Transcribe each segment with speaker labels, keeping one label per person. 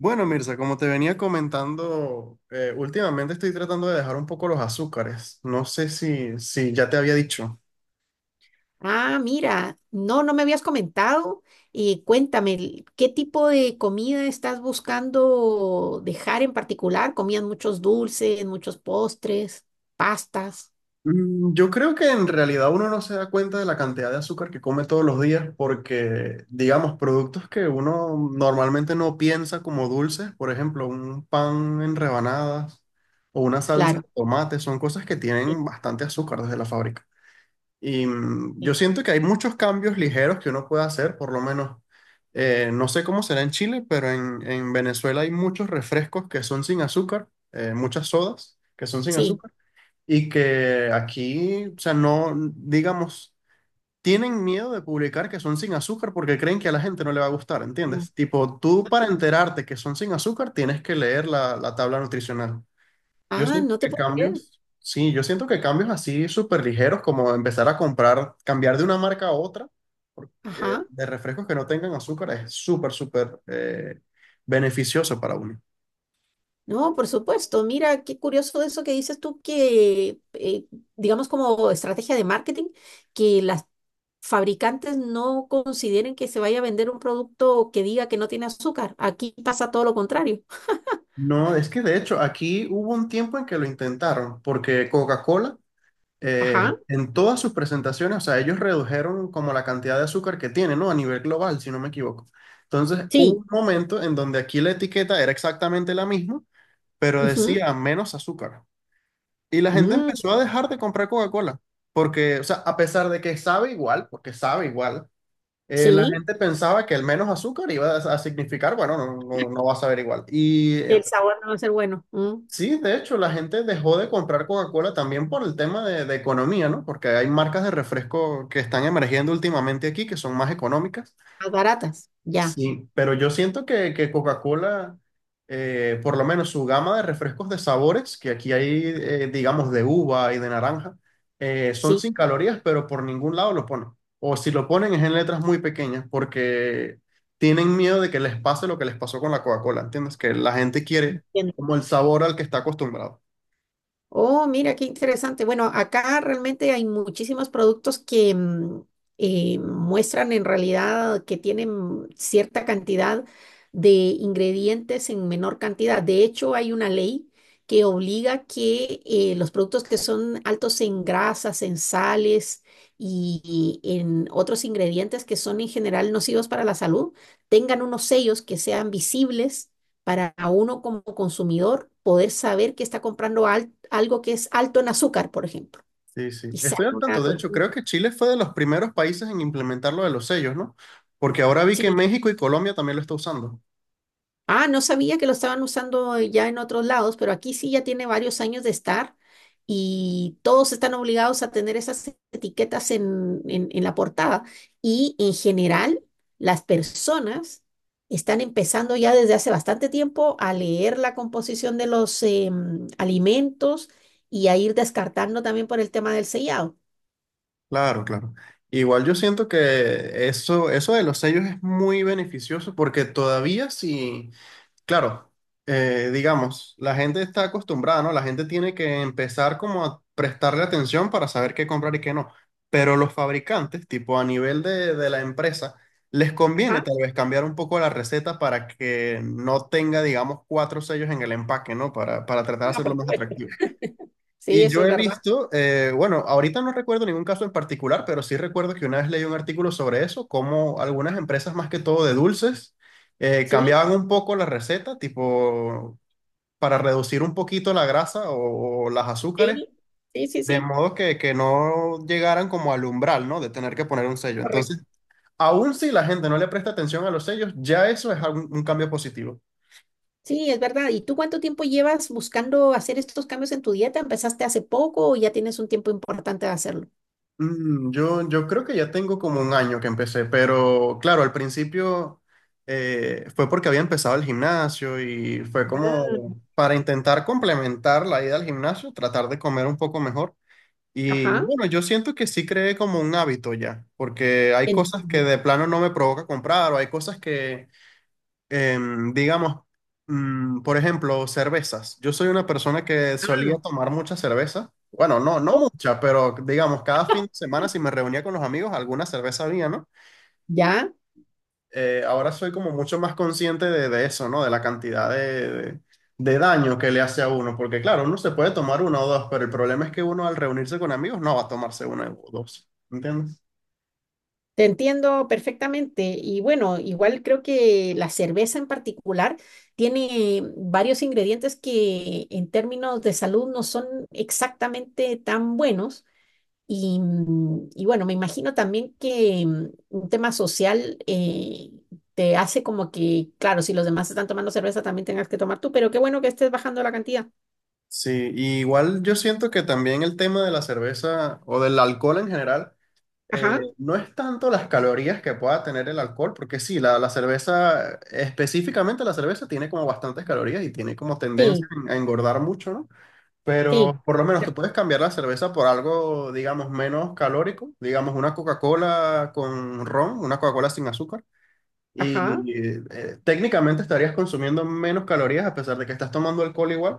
Speaker 1: Bueno, Mirza, como te venía comentando, últimamente estoy tratando de dejar un poco los azúcares. No sé si ya te había dicho.
Speaker 2: Ah, mira, no, no me habías comentado. Y cuéntame, ¿qué tipo de comida estás buscando dejar en particular? ¿Comían muchos dulces, muchos postres, pastas?
Speaker 1: Yo creo que en realidad uno no se da cuenta de la cantidad de azúcar que come todos los días porque, digamos, productos que uno normalmente no piensa como dulces, por ejemplo, un pan en rebanadas o una salsa
Speaker 2: Claro.
Speaker 1: de tomate, son cosas que tienen
Speaker 2: Sí,
Speaker 1: bastante azúcar desde la fábrica. Y yo
Speaker 2: sí.
Speaker 1: siento que hay muchos cambios ligeros que uno puede hacer, por lo menos, no sé cómo será en Chile, pero en Venezuela hay muchos refrescos que son sin azúcar, muchas sodas que son sin
Speaker 2: Sí.
Speaker 1: azúcar, y que aquí, o sea, no, digamos, tienen miedo de publicar que son sin azúcar porque creen que a la gente no le va a gustar,
Speaker 2: Mm.
Speaker 1: ¿entiendes? Tipo, tú para enterarte que son sin azúcar tienes que leer la tabla nutricional. Yo
Speaker 2: Ah,
Speaker 1: siento
Speaker 2: no te
Speaker 1: que
Speaker 2: puedo creer.
Speaker 1: cambios, sí, yo siento que cambios así súper ligeros, como empezar a comprar, cambiar de una marca a otra, porque
Speaker 2: Ajá.
Speaker 1: de refrescos que no tengan azúcar es súper, súper beneficioso para uno.
Speaker 2: No, por supuesto. Mira, qué curioso eso que dices tú, que digamos, como estrategia de marketing, que las fabricantes no consideren que se vaya a vender un producto que diga que no tiene azúcar. Aquí pasa todo lo contrario.
Speaker 1: No, es que de hecho aquí hubo un tiempo en que lo intentaron, porque Coca-Cola eh,
Speaker 2: Ajá,
Speaker 1: en todas sus presentaciones, o sea, ellos redujeron como la cantidad de azúcar que tiene, ¿no? A nivel global, si no me equivoco. Entonces, hubo
Speaker 2: sí.
Speaker 1: un momento en donde aquí la etiqueta era exactamente la misma, pero
Speaker 2: Ujú.
Speaker 1: decía menos azúcar. Y la gente
Speaker 2: Mm.
Speaker 1: empezó a dejar de comprar Coca-Cola, porque, o sea, a pesar de que sabe igual, porque sabe igual, la
Speaker 2: Sí,
Speaker 1: gente pensaba que el menos azúcar iba a significar, bueno, no va a saber igual. Y
Speaker 2: el sabor no va a ser bueno. Mm.
Speaker 1: sí, de hecho, la gente dejó de comprar Coca-Cola también por el tema de economía, ¿no? Porque hay marcas de refresco que están emergiendo últimamente aquí, que son más económicas.
Speaker 2: Más baratas, ya.
Speaker 1: Sí, pero yo siento que Coca-Cola, por lo menos su gama de refrescos de sabores, que aquí hay, digamos, de uva y de naranja, son
Speaker 2: Sí.
Speaker 1: sin calorías, pero por ningún lado lo ponen. O si lo ponen es en letras muy pequeñas, porque tienen miedo de que les pase lo que les pasó con la Coca-Cola, ¿entiendes? Que la gente quiere
Speaker 2: Entiendo.
Speaker 1: como el sabor al que está acostumbrado.
Speaker 2: Oh, mira, qué interesante. Bueno, acá realmente hay muchísimos productos que muestran en realidad que tienen cierta cantidad de ingredientes en menor cantidad. De hecho, hay una ley que obliga que los productos que son altos en grasas, en sales y en otros ingredientes que son en general nocivos para la salud, tengan unos sellos que sean visibles para uno como consumidor poder saber que está comprando algo que es alto en azúcar, por ejemplo.
Speaker 1: Sí, sí.
Speaker 2: Y
Speaker 1: Estoy
Speaker 2: sale
Speaker 1: al tanto.
Speaker 2: una
Speaker 1: De hecho,
Speaker 2: cuestión,
Speaker 1: creo que Chile fue de los primeros países en implementar lo de los sellos, ¿no? Porque ahora vi que
Speaker 2: sí.
Speaker 1: México y Colombia también lo está usando.
Speaker 2: Ah, no sabía que lo estaban usando ya en otros lados, pero aquí sí ya tiene varios años de estar y todos están obligados a tener esas etiquetas en, en la portada. Y en general, las personas están empezando ya desde hace bastante tiempo a leer la composición de los alimentos y a ir descartando también por el tema del sellado.
Speaker 1: Claro, claro. Igual yo siento que eso de los sellos es muy beneficioso porque todavía si, claro, digamos, la gente está acostumbrada, ¿no? La gente tiene que empezar como a prestarle atención para saber qué comprar y qué no. Pero los fabricantes, tipo a nivel de la empresa, les conviene
Speaker 2: Ajá,
Speaker 1: tal vez cambiar un poco la receta para que no tenga, digamos, cuatro sellos en el empaque, ¿no? Para tratar de
Speaker 2: ah,
Speaker 1: hacerlo
Speaker 2: por
Speaker 1: más
Speaker 2: supuesto.
Speaker 1: atractivo.
Speaker 2: Sí,
Speaker 1: Y
Speaker 2: eso
Speaker 1: yo
Speaker 2: es
Speaker 1: he
Speaker 2: verdad.
Speaker 1: visto, bueno, ahorita no recuerdo ningún caso en particular, pero sí recuerdo que una vez leí un artículo sobre eso, cómo algunas empresas, más que todo de dulces,
Speaker 2: Sí,
Speaker 1: cambiaban un poco la receta, tipo para reducir un poquito la grasa o las azúcares,
Speaker 2: sí, sí, sí,
Speaker 1: de
Speaker 2: sí.
Speaker 1: modo que no llegaran como al umbral, ¿no? De tener que poner un sello. Entonces, aun si la gente no le presta atención a los sellos, ya eso es un cambio positivo.
Speaker 2: Sí, es verdad. ¿Y tú cuánto tiempo llevas buscando hacer estos cambios en tu dieta? ¿Empezaste hace poco o ya tienes un tiempo importante de hacerlo?
Speaker 1: Yo creo que ya tengo como un año que empecé, pero claro, al principio fue porque había empezado el gimnasio y fue
Speaker 2: Ah.
Speaker 1: como para intentar complementar la ida al gimnasio, tratar de comer un poco mejor. Y
Speaker 2: Ajá.
Speaker 1: bueno, yo siento que sí creé como un hábito ya, porque hay cosas que
Speaker 2: Entiendo.
Speaker 1: de plano no me provoca comprar o hay cosas que digamos, por ejemplo, cervezas. Yo soy una persona que solía
Speaker 2: Ah,
Speaker 1: tomar mucha cerveza. Bueno, no
Speaker 2: oh,
Speaker 1: mucha, pero digamos, cada fin de semana si me reunía con los amigos, alguna cerveza había, ¿no?
Speaker 2: ya.
Speaker 1: Ahora soy como mucho más consciente de eso, ¿no? De la cantidad de daño que le hace a uno, porque claro, uno se puede tomar una o dos, pero el problema es que uno al reunirse con amigos no va a tomarse una o dos, ¿entiendes?
Speaker 2: Te entiendo perfectamente. Y bueno, igual creo que la cerveza en particular tiene varios ingredientes que en términos de salud no son exactamente tan buenos. Y, y bueno, me imagino también que un tema social te hace como que, claro, si los demás están tomando cerveza, también tengas que tomar tú, pero qué bueno que estés bajando la cantidad.
Speaker 1: Sí, y igual yo siento que también el tema de la cerveza o del alcohol en general Eh,
Speaker 2: Ajá,
Speaker 1: no es tanto las calorías que pueda tener el alcohol, porque sí, la cerveza, específicamente la cerveza, tiene como bastantes calorías y tiene como tendencia
Speaker 2: sí,
Speaker 1: a engordar mucho, ¿no?
Speaker 2: sí.
Speaker 1: Pero por lo menos
Speaker 2: Ya.
Speaker 1: tú puedes cambiar la cerveza por algo, digamos, menos calórico, digamos, una Coca-Cola con ron, una Coca-Cola sin azúcar.
Speaker 2: Ajá.
Speaker 1: Y técnicamente estarías consumiendo menos calorías a pesar de que estás tomando alcohol igual,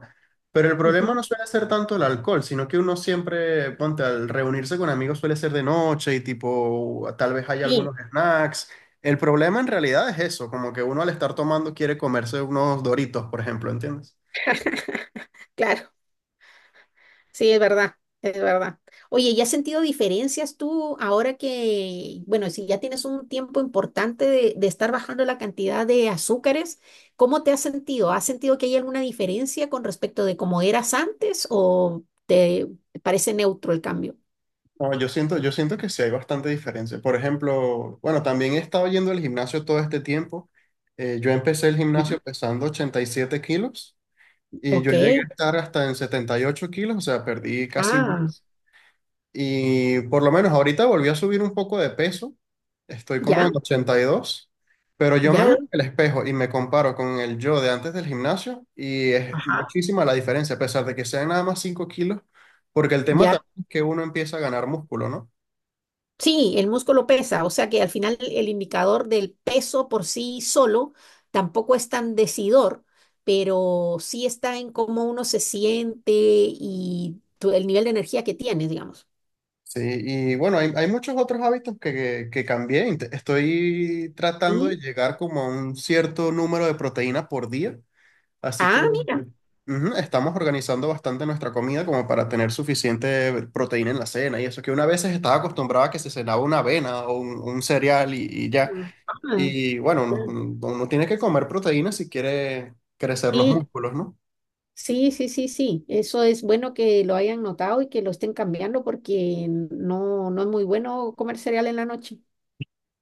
Speaker 1: pero el problema
Speaker 2: Ujú.
Speaker 1: no suele ser tanto el alcohol, sino que uno siempre, ponte, al reunirse con amigos suele ser de noche y tipo, tal vez hay
Speaker 2: Sí,
Speaker 1: algunos snacks. El problema en realidad es eso, como que uno al estar tomando quiere comerse unos Doritos, por ejemplo, ¿entiendes?
Speaker 2: claro. Sí, es verdad, es verdad. Oye, ¿y has sentido diferencias tú ahora que, bueno, si ya tienes un tiempo importante de estar bajando la cantidad de azúcares, cómo te has sentido? ¿Has sentido que hay alguna diferencia con respecto de cómo eras antes o te parece neutro el cambio?
Speaker 1: No, yo siento que sí hay bastante diferencia. Por ejemplo, bueno, también he estado yendo al gimnasio todo este tiempo. Yo empecé el
Speaker 2: Ya.
Speaker 1: gimnasio pesando 87 kilos. Y yo
Speaker 2: Ok.
Speaker 1: llegué a estar hasta en 78 kilos, o sea, perdí casi
Speaker 2: Ah,
Speaker 1: 10. Y por lo menos ahorita volví a subir un poco de peso, estoy como
Speaker 2: ya,
Speaker 1: en 82, pero yo me veo
Speaker 2: ya.
Speaker 1: en el espejo y me comparo con el yo de antes del gimnasio y es
Speaker 2: Ajá.
Speaker 1: muchísima la diferencia, a pesar de que sean nada más 5 kilos, porque el tema
Speaker 2: Ya.
Speaker 1: también es que uno empieza a ganar músculo, ¿no?
Speaker 2: Sí, el músculo pesa, o sea que al final el indicador del peso por sí solo tampoco es tan decidor, pero sí está en cómo uno se siente y el nivel de energía que tienes, digamos.
Speaker 1: Sí, y bueno, hay muchos otros hábitos que cambié. Estoy tratando de
Speaker 2: Sí.
Speaker 1: llegar como a un cierto número de proteínas por día. Así que
Speaker 2: Ah, mira.
Speaker 1: ujú, estamos organizando bastante nuestra comida como para tener suficiente proteína en la cena y eso, que una vez estaba acostumbrada a que se cenaba una avena o un cereal y ya.
Speaker 2: Ajá.
Speaker 1: Y bueno, uno tiene que comer proteína si quiere crecer los
Speaker 2: Sí,
Speaker 1: músculos, ¿no?
Speaker 2: sí, sí, sí, sí. Eso es bueno que lo hayan notado y que lo estén cambiando porque no, no es muy bueno comer cereal en la noche.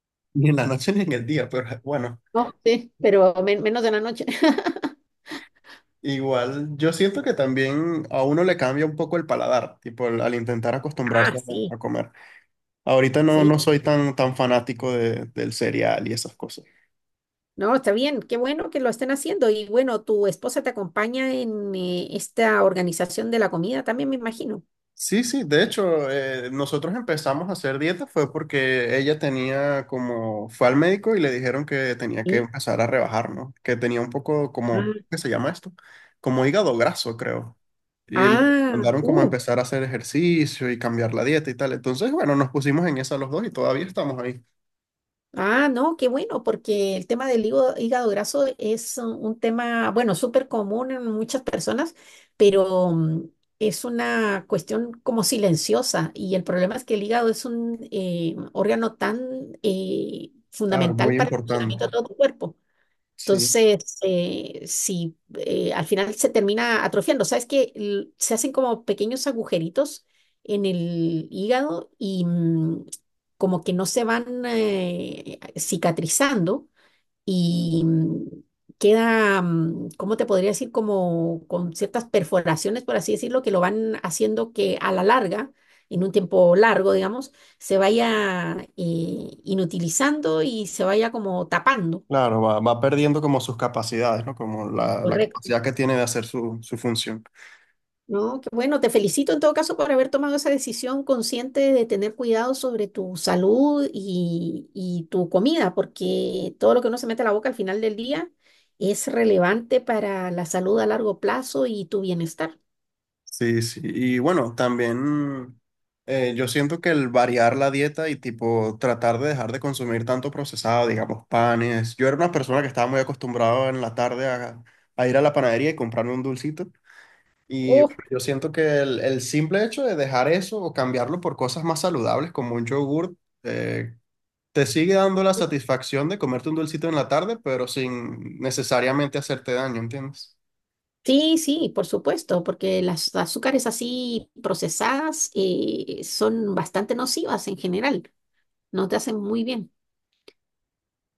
Speaker 1: Ni en la noche ni en el día, pero bueno,
Speaker 2: No, sí, pero menos en la noche.
Speaker 1: igual yo siento que también a uno le cambia un poco el paladar, tipo al intentar
Speaker 2: Ah,
Speaker 1: acostumbrarse
Speaker 2: sí.
Speaker 1: a comer. Ahorita
Speaker 2: Sí.
Speaker 1: no soy tan fanático del cereal y esas cosas.
Speaker 2: No, está bien, qué bueno que lo estén haciendo. Y bueno, tu esposa te acompaña en esta organización de la comida también, me imagino.
Speaker 1: Sí, sí, de hecho, nosotros empezamos a hacer dieta fue porque ella tenía como, fue al médico y le dijeron que tenía que
Speaker 2: Sí.
Speaker 1: empezar a rebajar, ¿no? Que tenía un poco como, ¿qué
Speaker 2: Ah,
Speaker 1: se llama esto? Como hígado graso, creo. Y le
Speaker 2: ah,
Speaker 1: recomendaron como empezar a hacer ejercicio y cambiar la dieta y tal. Entonces, bueno, nos pusimos en esa los dos y todavía estamos ahí.
Speaker 2: ah, no, qué bueno, porque el tema del hígado, hígado graso es un tema, bueno, súper común en muchas personas, pero es una cuestión como silenciosa. Y el problema es que el hígado es un órgano tan
Speaker 1: Claro,
Speaker 2: fundamental
Speaker 1: muy
Speaker 2: para el
Speaker 1: importante.
Speaker 2: funcionamiento de todo tu cuerpo.
Speaker 1: Sí,
Speaker 2: Entonces, si al final se termina atrofiando, ¿sabes? Que se hacen como pequeños agujeritos en el hígado y, como que no se van cicatrizando y, queda, ¿cómo te podría decir? Como con ciertas perforaciones, por así decirlo, que lo van haciendo que a la larga, en un tiempo largo, digamos, se vaya inutilizando y se vaya como tapando.
Speaker 1: claro, va perdiendo como sus capacidades, ¿no? Como la
Speaker 2: Correcto.
Speaker 1: capacidad que tiene de hacer su función.
Speaker 2: No, qué bueno, te felicito en todo caso por haber tomado esa decisión consciente de tener cuidado sobre tu salud y tu comida, porque todo lo que uno se mete a la boca al final del día es relevante para la salud a largo plazo y tu bienestar.
Speaker 1: Sí, sí. Y bueno, también yo siento que el variar la dieta y tipo tratar de dejar de consumir tanto procesado, digamos, panes. Yo era una persona que estaba muy acostumbrado en la tarde a ir a la panadería y comprarme un dulcito. Y
Speaker 2: Oh,
Speaker 1: bueno, yo siento que el simple hecho de dejar eso o cambiarlo por cosas más saludables como un yogur, eh, te sigue dando la satisfacción de comerte un dulcito en la tarde, pero sin necesariamente hacerte daño, ¿entiendes?
Speaker 2: sí, sí, por supuesto, porque las azúcares así procesadas son bastante nocivas en general, no te hacen muy bien.